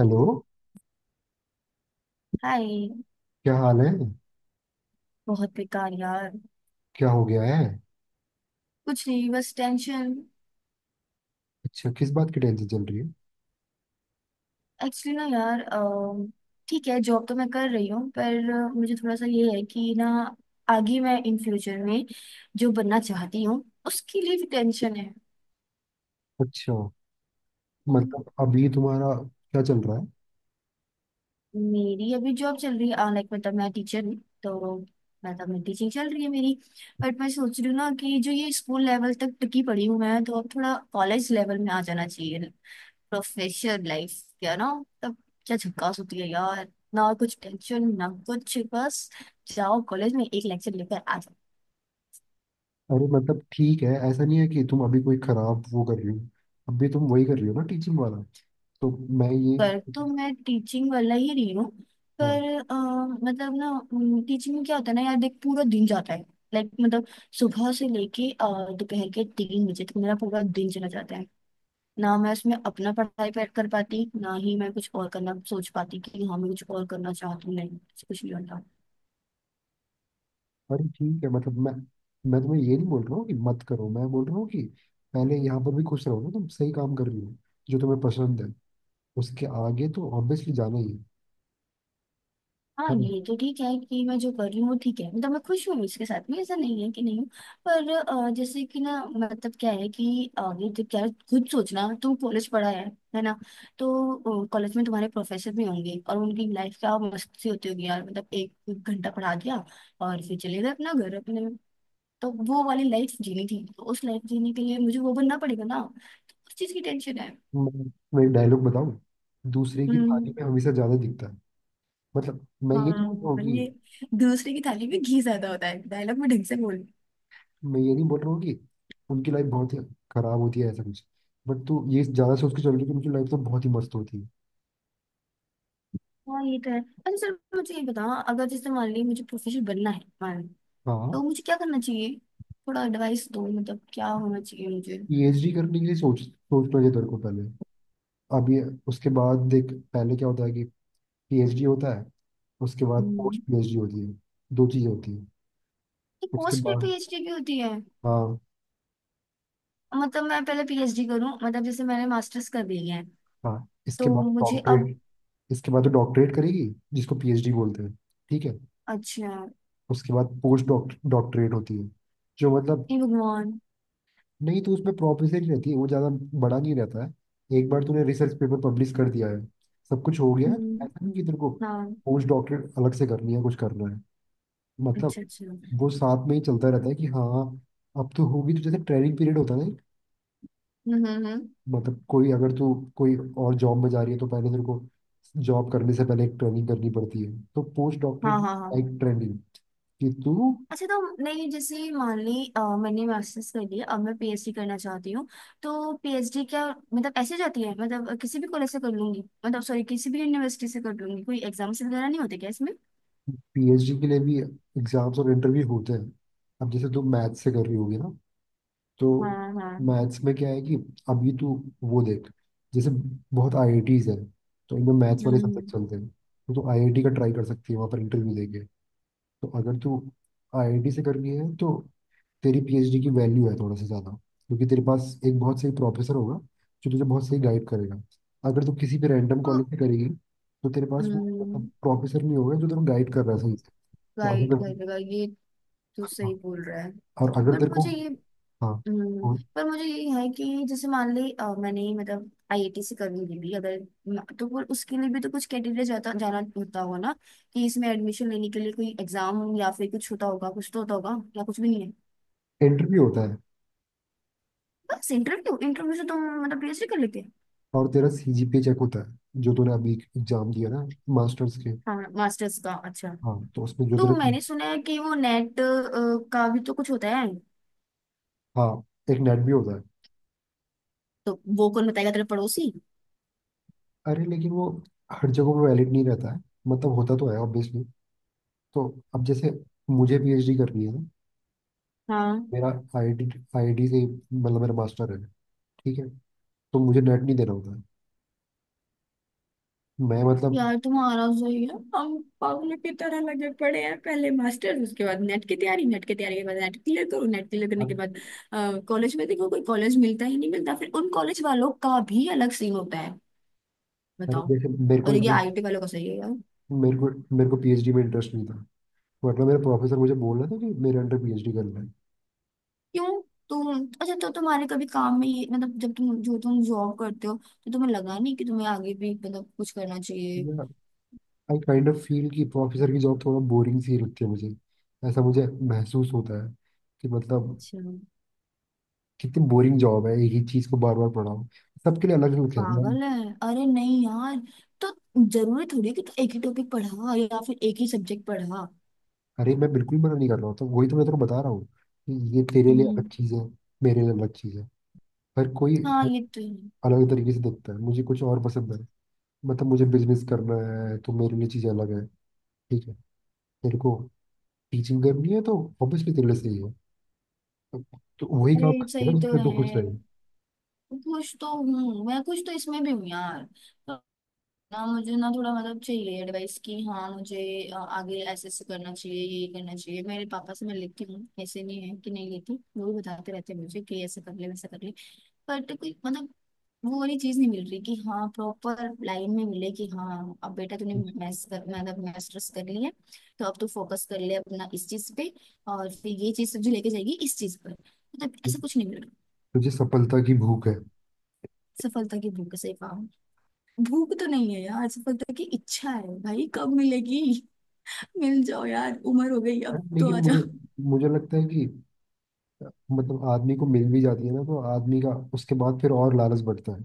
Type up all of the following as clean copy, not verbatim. Hello. Hi. क्या हाल है? बहुत बेकार यार। क्या हो गया है? कुछ नहीं बस टेंशन। अच्छा, किस बात की टेंशन चल रही है? एक्चुअली ना यार, ठीक है जॉब तो मैं कर रही हूँ, पर मुझे थोड़ा सा ये है कि ना आगे मैं इन फ्यूचर में जो बनना चाहती हूँ उसके लिए भी टेंशन है। अच्छा, हम्म, मतलब अभी तुम्हारा क्या चल रहा है? मेरी अभी जॉब चल रही है, लाइक मतलब मैं टीचर हूँ। तो मतलब मैं टीचिंग चल रही है मेरी। बट मैं सोच रही हूँ ना कि जो ये स्कूल लेवल तक टिकी पड़ी हूँ मैं, तो अब थोड़ा कॉलेज लेवल में आ जाना चाहिए। प्रोफेशनल लाइफ, क्या ना, तब क्या झकास होती है यार। ना कुछ टेंशन ना कुछ, बस जाओ कॉलेज में एक लेक्चर लेकर आ जाओ। अरे मतलब ठीक है, ऐसा नहीं है कि तुम अभी कोई खराब वो कर रही हो। अभी तुम वही कर रही हो ना, टीचिंग वाला। तो मैं ये पर तो मैं टीचिंग वाला ही रही हूँ। हाँ। पर अ, मतलब ना, टीचिंग में क्या होता है ना यार, देख पूरा दिन जाता है। लाइक मतलब सुबह से लेके दोपहर के 3 बजे तक मेरा पूरा दिन चला जाता है। ना मैं उसमें अपना पढ़ाई पर कर पाती, ना ही मैं कुछ और करना सोच पाती कि हाँ मैं कुछ और करना चाहती हूँ, नहीं कुछ नहीं होता। अरे ठीक है, मतलब मैं तुम्हें ये नहीं बोल रहा हूँ कि मत करो। मैं बोल रहा हूँ कि पहले यहाँ पर भी खुश रहो ना। तुम सही काम कर रही हो, जो तुम्हें पसंद है। उसके आगे तो ऑब्वियसली जाना ही है। हाँ है ना? ये तो ठीक है कि मैं जो कर रही हूँ वो ठीक है, मतलब मैं खुश हूँ इसके साथ में, ऐसा नहीं है कि नहीं हूँ। पर जैसे कि ना, मतलब क्या है कि आगे, जब क्या है, खुद सोचना तुम कॉलेज पढ़ा है ना। तो कॉलेज में तुम्हारे प्रोफेसर भी होंगे और उनकी लाइफ क्या मस्ती होती होगी यार, मतलब एक एक घंटा पढ़ा दिया और फिर चले गए अपना घर अपने। तो वो वाली लाइफ जीनी थी, तो उस लाइफ जीने के लिए मुझे वो बनना पड़ेगा ना, तो उस चीज की टेंशन है। मैं मैं एक डायलॉग बताऊं, दूसरे की थाली हम्म। में हमेशा ज्यादा दिखता है। मतलब मैं ये नहीं बोल रहा हूँ हाँ कि ये दूसरे की थाली में घी ज्यादा होता है, डायलॉग में ढंग से बोल। मैं ये नहीं बोल रहा हूँ कि उनकी लाइफ बहुत ही खराब होती है, ऐसा कुछ। बट तू ये ज्यादा सोच के चल रही है कि उनकी लाइफ तो बहुत ही मस्त होती है। हाँ ये तो है। अच्छा सर मुझे ये बताओ, अगर जैसे मान ली मुझे प्रोफेसर बनना है, मान ली, हाँ, तो मुझे क्या करना चाहिए। थोड़ा एडवाइस दो, मतलब क्या होना चाहिए मुझे। पीएचडी करने के लिए सोचना चाहिए तेरे को पहले। अब ये उसके बाद देख, पहले क्या होता है कि पीएचडी होता है, उसके बाद हम्म। पोस्ट पीएचडी होती है। दो चीजें होती है। ये उसके पोस्ट में बाद पीएचडी की होती है? हाँ, मतलब मैं पहले पीएचडी करूं, मतलब जैसे मैंने मास्टर्स कर लिया है, हाँ, तो इसके बाद मुझे अब। डॉक्टरेट। इसके बाद तो डॉक्टरेट करेगी, जिसको पीएचडी बोलते हैं। ठीक है, अच्छा। उसके बाद पोस्ट डॉक्टरेट होती है। जो मतलब हे भगवान। नहीं, तो उसमें प्रॉप रिसर्च रहती है वो, ज़्यादा बड़ा नहीं रहता है। एक बार तूने रिसर्च पेपर पब्लिश कर दिया है, सब कुछ हो गया है, तो हम्म। ऐसा नहीं कि तेरे को हाँ। पोस्ट डॉक्टरेट अलग से करनी है, कुछ करना है। मतलब अच्छा अच्छा। हम्म। वो साथ में ही चलता रहता है कि हाँ अब तो होगी, तो जैसे ट्रेनिंग पीरियड होता है ना। हम्म, हम्म। मतलब कोई, अगर तू कोई और जॉब में जा रही है, तो पहले तेरे को जॉब करने से पहले एक ट्रेनिंग करनी पड़ती है। तो पोस्ट हाँ डॉक्टरेट हाँ हाँ। लाइक ट्रेनिंग कि तू अच्छा तो नहीं, जैसे मान ली, मैंने मास्टर्स कर लिया, अब मैं पीएचडी करना चाहती हूँ, तो पीएचडी क्या मतलब ऐसे जाती है, मतलब किसी भी कॉलेज से कर लूंगी, मतलब सॉरी किसी भी यूनिवर्सिटी से कर लूंगी, कोई एग्जाम्स वगैरह नहीं होते क्या इसमें। पीएचडी के लिए भी एग्जाम्स और इंटरव्यू होते हैं। अब जैसे तू मैथ्स से कर रही होगी ना, तो हाँ हाँ। मैथ्स में क्या है कि अभी तू वो देख, जैसे बहुत आईआईटीज है, तो इनमें मैथ्स वाले हम्म। सब्जेक्ट चलते हैं, तो तू आईआईटी का ट्राई कर सकती है वहाँ पर इंटरव्यू देके। तो अगर तू आईआईटी से कर रही है, तो तेरी पीएचडी की वैल्यू है थोड़ा सा ज़्यादा, क्योंकि तेरे पास एक बहुत सही प्रोफेसर होगा जो तुझे बहुत सही गाइड करेगा। अगर तू किसी भी रैंडम तो। कॉलेज से करेगी, तो तेरे पास वो हम्म। प्रोफेसर नहीं होगा जो तेरे गाइड कर रहा है सही से। तो गाइड अगर करेगा ये। तो सही हाँ, बोल रहा है। और अगर पर तेरे को मुझे ये। हाँ, हम्म, और पर मुझे ये है कि जैसे मान ली, मैंने मतलब आईआईटी से कर ली भी अगर, तो फिर उसके लिए भी तो कुछ कैटेगरी जाता जाना होता होगा ना, कि इसमें एडमिशन लेने के लिए कोई एग्जाम या फिर कुछ होता होगा, कुछ तो होता होगा, या कुछ भी नहीं है। इंटरव्यू होता है, बस इंटरव्यू। इंटरव्यू से तुम मतलब पीएचडी कर लेते। और तेरा सीजीपीए चेक होता है जो तूने अभी एग्जाम दिया ना, मास्टर्स के। हाँ मास्टर्स का, अच्छा। हाँ, तो उसमें जो तो तेरा मैंने सुना है कि वो नेट का भी तो कुछ होता है। हाँ, एक नेट भी होता है। तो वो कौन बताएगा, तेरे पड़ोसी। अरे लेकिन वो हर जगह पे वैलिड नहीं रहता है, मतलब होता तो है ऑब्वियसली। तो अब जैसे मुझे पीएचडी करनी है, हाँ मेरा आईआईटी आईआईटी से, मतलब मेरा मास्टर है, ठीक है, तो मुझे नेट नहीं देना होता है। मैं मतलब यार तुम्हारा सही है, हम पागलों की तरह लगे पड़े हैं, पहले मास्टर्स, उसके बाद नेट की तैयारी, नेट की तैयारी के बाद नेट क्लियर करो, नेट क्लियर करने के बाद कॉलेज में देखो, कोई कॉलेज मिलता ही नहीं मिलता, फिर उन कॉलेज वालों का भी अलग सीन होता है, अरे बताओ। जैसे मेरे को और ये इंटरेस्ट, आईटी वालों का सही है यार। मेरे को मेरे को पीएचडी में इंटरेस्ट नहीं था, वरना मेरा प्रोफेसर मुझे बोल रहा था कि मेरे अंडर पीएचडी करना क्यों। तुम, अच्छा, तो तुम्हारे कभी काम में ये मतलब, जब तुम, जो तुम जॉब करते हो, तो तुम्हें लगा नहीं कि तुम्हें आगे भी मतलब कुछ करना चाहिए। है। आई काइंड ऑफ फील कि प्रोफेसर की जॉब थोड़ा बोरिंग सी लगती है मुझे। ऐसा मुझे महसूस होता है कि मतलब अच्छा। कितनी बोरिंग जॉब है, एक ही चीज़ को बार बार पढ़ाओ। सबके लिए अलग अलग है। मैं पागल है। अरे नहीं यार। तो जरूरी थोड़ी है कि तू एक ही टॉपिक पढ़ा या फिर एक ही सब्जेक्ट पढ़ा। अरे, मैं बिल्कुल मना नहीं कर रहा हूँ, तो वही तो मैं तेरे को बता रहा हूँ कि ये तेरे लिए अलग हम्म। चीज़ है, मेरे लिए अलग चीज़ है। हर कोई हाँ ये तो है। अलग तरीके से देखता है। मुझे कुछ और पसंद है, मतलब मुझे बिजनेस करना है, तो मेरे लिए चीज़ें अलग है। ठीक है, तेरे को टीचिंग करनी है, तो ऑब्वियसली तेरे लिए सही है। तो वही अरे काम सही करेगा तो जिसमें तू है। खुश रहे। कुछ तो हूँ मैं, कुछ तो इसमें भी हूँ यार। तो ना मुझे ना थोड़ा मतलब चाहिए एडवाइस की, हाँ मुझे, आगे ऐसे ऐसे करना चाहिए, ये करना चाहिए, मेरे पापा से मैं लेती हूँ, ऐसे नहीं है कि नहीं लेती, वो भी बताते रहते हैं मुझे कि ऐसा कर ले वैसा कर ले, बट कोई मतलब वो वाली चीज नहीं मिल रही कि हाँ प्रॉपर लाइन में मिले कि हाँ अब बेटा तूने तुझे मैथ्स कर, मतलब मास्टर्स कर लिया, तो अब तू फोकस कर ले अपना इस चीज पे, और फिर ये चीज तुझे लेके जाएगी इस चीज पर, मतलब ऐसा कुछ नहीं मिल रहा। तुझे सफलता की भूख है। सफलता की भूख से पाऊं। भूख तो नहीं है यार, सफलता की इच्छा है भाई, कब मिलेगी। मिल जाओ यार, उम्र हो गई, अब अरे तो लेकिन आ मुझे, जाओ। मुझे लगता है कि अ, मतलब आदमी को मिल भी जाती है ना, तो आदमी का उसके बाद फिर और लालच बढ़ता है।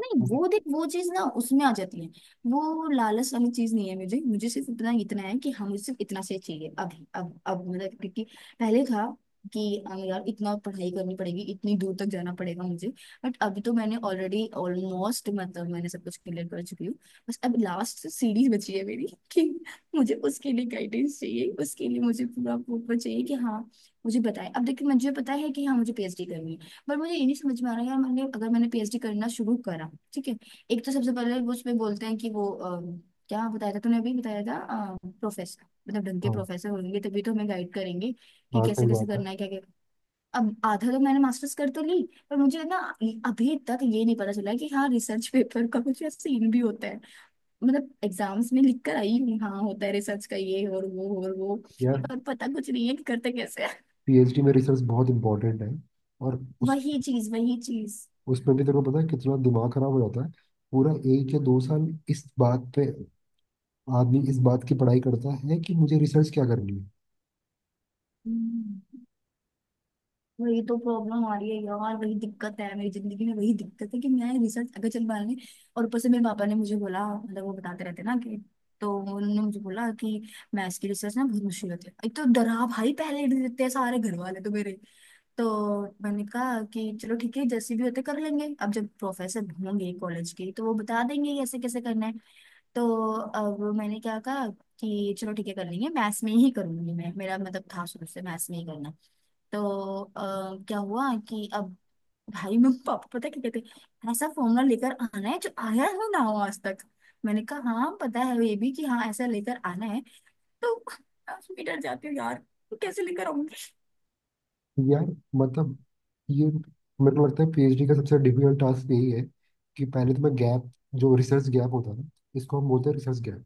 नहीं, वो देख वो चीज ना उसमें आ जाती है, वो लालच वाली चीज नहीं है मुझे, मुझे सिर्फ इतना इतना है कि हाँ मुझे सिर्फ इतना से चाहिए अभी, अब मतलब क्योंकि पहले था कि हाँ यार इतना पढ़ाई करनी पड़ेगी, इतनी दूर तक जाना पड़ेगा मुझे, बट अभी तो मैंने ऑलरेडी ऑलमोस्ट मतलब मैंने सब कुछ क्लियर कर चुकी हूँ, बस अब लास्ट सीढ़ी बची है मेरी, कि मुझे उसके लिए गाइडेंस चाहिए, उसके लिए मुझे पूरा प्रूफ चाहिए कि हाँ मुझे बताए, अब देखिए मुझे पता है कि हाँ मुझे पीएचडी करनी है, पर मुझे ये नहीं समझ में आ रहा यार, मैंने, अगर मैंने पीएचडी करना शुरू करा, ठीक है, एक तो सबसे पहले वो उसमें बोलते हैं कि वो क्या बताया था तूने अभी बताया था, प्रोफेसर मतलब ढंग के हाँ प्रोफेसर होंगे तभी तो हमें गाइड करेंगे, कि हाँ, कैसे सही कैसे बात है करना है, क्या क्या। अब आधा तो मैंने मास्टर्स कर तो ली, पर मुझे ना अभी तक ये नहीं पता चला कि हाँ रिसर्च पेपर का कुछ सीन भी होता है, मतलब एग्जाम्स में लिख कर आई हूँ हाँ होता है रिसर्च का, ये और वो और वो, यार। पर पता कुछ नहीं है कि करते कैसे है। पीएचडी में रिसर्च बहुत इंपॉर्टेंट है, और उस वही चीज वही चीज। उसमें भी तेरे को पता है कितना दिमाग खराब हो जाता है। पूरा एक या दो साल इस बात पे आदमी इस बात की पढ़ाई करता है कि मुझे रिसर्च क्या करनी। हम्म। वही तो प्रॉब्लम आ रही है यार, वही दिक्कत है मेरी जिंदगी में, वही दिक्कत है कि मैं रिसर्च अगर चल पाएंगे, और ऊपर से मेरे पापा ने मुझे बोला, मतलब वो बताते रहते ना, कि तो उन्होंने मुझे बोला कि मैथ्स की रिसर्च ना बहुत मुश्किल होती है, एक तो डरा भाई पहले ही देते हैं सारे घर वाले तो मेरे, तो मैंने कहा कि चलो ठीक है जैसे भी होते कर लेंगे, अब जब प्रोफेसर होंगे कॉलेज के तो वो बता देंगे ये ऐसे कैसे करना है, तो अब मैंने क्या कहा कि चलो ठीक है कर लेंगे मैथ्स में ही करूंगी मैं, मेरा मतलब था शुरू से मैथ्स में ही करना, तो क्या हुआ कि अब भाई में पापा पता क्या कहते, ऐसा फॉर्मूला लेकर आना है जो आया ही ना हो आज तक, मैंने कहा हाँ पता है ये भी कि हाँ ऐसा लेकर आना है, तो मैं डर जाती हूँ यार, कैसे लेकर आऊंगी। यार मतलब ये मेरे को लगता है पीएचडी का सबसे डिफिकल्ट टास्क यही है कि पहले तो मैं गैप, जो रिसर्च गैप होता है ना, इसको हम बोलते हैं रिसर्च गैप।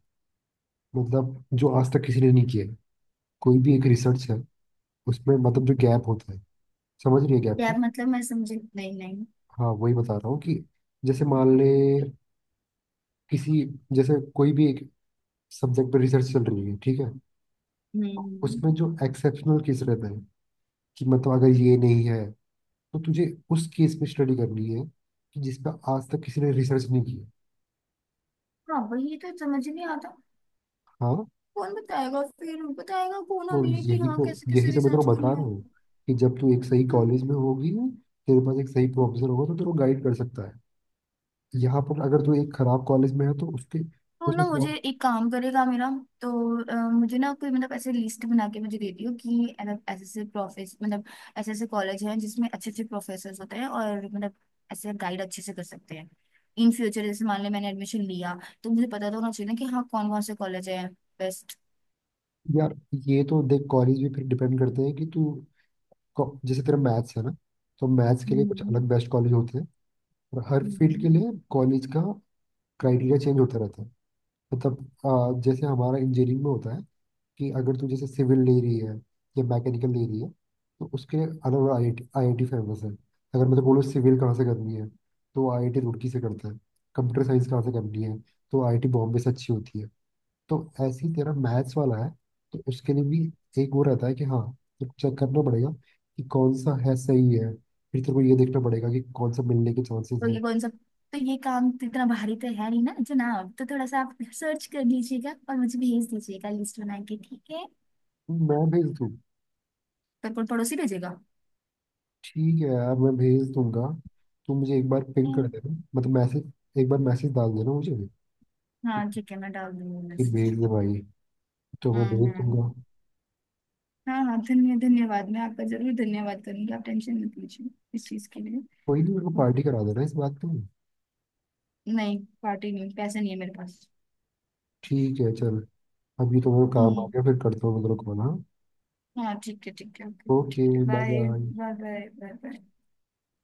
मतलब जो आज तक किसी ने नहीं किया है। कोई भी एक रिसर्च है, उसमें मतलब जो गैप होता है, समझ रही है गैप को? यार मतलब मैं समझी नहीं, नहीं। हाँ वही बता रहा हूँ कि जैसे मान ले किसी, जैसे कोई भी एक सब्जेक्ट पर रिसर्च चल रही है, ठीक है, हम्म। उसमें जो एक्सेप्शनल केस रहता है, कि मतलब अगर ये नहीं है, तो तुझे उस केस पे स्टडी करनी है कि जिस पर आज तक किसी ने रिसर्च नहीं की है। हाँ वही तो समझ नहीं आता, हाँ, कौन बताएगा, फिर बताएगा कौन तो हमें कि यही हाँ तो कैसे कैसे यही तो मैं तेरे को रिसर्च बता रहा करना हूँ कि जब तू एक सही है, कॉलेज में होगी, तेरे पास एक सही प्रोफेसर होगा, तो तेरे को गाइड कर सकता है। यहाँ पर अगर तू एक खराब कॉलेज में है, तो उसके तो ना उसमें pro- मुझे एक काम करेगा मेरा, तो मुझे ना कोई मतलब ऐसे लिस्ट बना के मुझे दे दियो, कि मतलब ऐसे ऐसे प्रोफेस मतलब ऐसे ऐसे कॉलेज हैं जिसमें अच्छे अच्छे प्रोफेसर होते हैं, और मतलब ऐसे गाइड अच्छे से कर सकते हैं, इन फ्यूचर जैसे मान ले मैंने एडमिशन लिया, तो मुझे पता तो होना चाहिए ना कि हाँ कौन कौन से कॉलेज है बेस्ट। यार ये तो देख, कॉलेज भी फिर डिपेंड करते हैं कि तू जैसे तेरा मैथ्स है ना, तो मैथ्स के लिए कुछ हम्म। अलग बेस्ट कॉलेज होते हैं, और हर फील्ड हम्म। के लिए कॉलेज का क्राइटेरिया चेंज होता रहता है। तो तब जैसे हमारा इंजीनियरिंग में होता है कि अगर तू जैसे सिविल ले रही है या मैकेनिकल ले रही है, तो उसके लिए अलग अलग आई आई आईआईटी फेमस है। अगर मैं तो बोलूँ सिविल कहाँ से करनी है, तो आईआईटी रुड़की से करता है। कंप्यूटर साइंस कहाँ से करनी है, तो आईआईटी बॉम्बे से अच्छी होती है। तो ऐसे ही तेरा मैथ्स वाला है, तो उसके लिए भी एक वो रहता है कि हाँ, तो चेक करना पड़ेगा कि कौन सा है सही है। फिर तेरे को ये देखना पड़ेगा कि कौन सा मिलने के चांसेस तो है। ये कौन सा, तो ये काम तो इतना भारी तो है नहीं ना जनाब, तो थोड़ा सा आप सर्च कर लीजिएगा और मुझे भेज दीजिएगा लिस्ट बना के, ठीक है। मैं भेज दूँ? बिल्कुल पड़ोसी भेजेगा। ठीक है यार, मैं भेज दूंगा। तुम मुझे एक बार पिंग कर देना, मतलब मैसेज, एक बार मैसेज डाल देना मुझे हाँ ठीक है, मैं डाल दूंगी कि मैसेज। भेज दे भाई, तो मैं हम्म। भेज हम्म। दूंगा। हाँ हाँ, धन्यवाद मैं आपका जरूर धन्यवाद करूंगी, आप टेंशन मत लीजिए इस चीज के लिए। कोई नहीं, मेरे को पार्टी करा देना इस बात पे। नहीं पार्टी नहीं, पैसे नहीं है मेरे पास। ठीक है चल, अभी तो मेरे को काम आ हम्म। गया, फिर करता हूँ मतलब कॉल। हाँ, हाँ ठीक है, ठीक है, ओके, ठीक ओके, है, bye bye. Bye. Bye bye. Bye.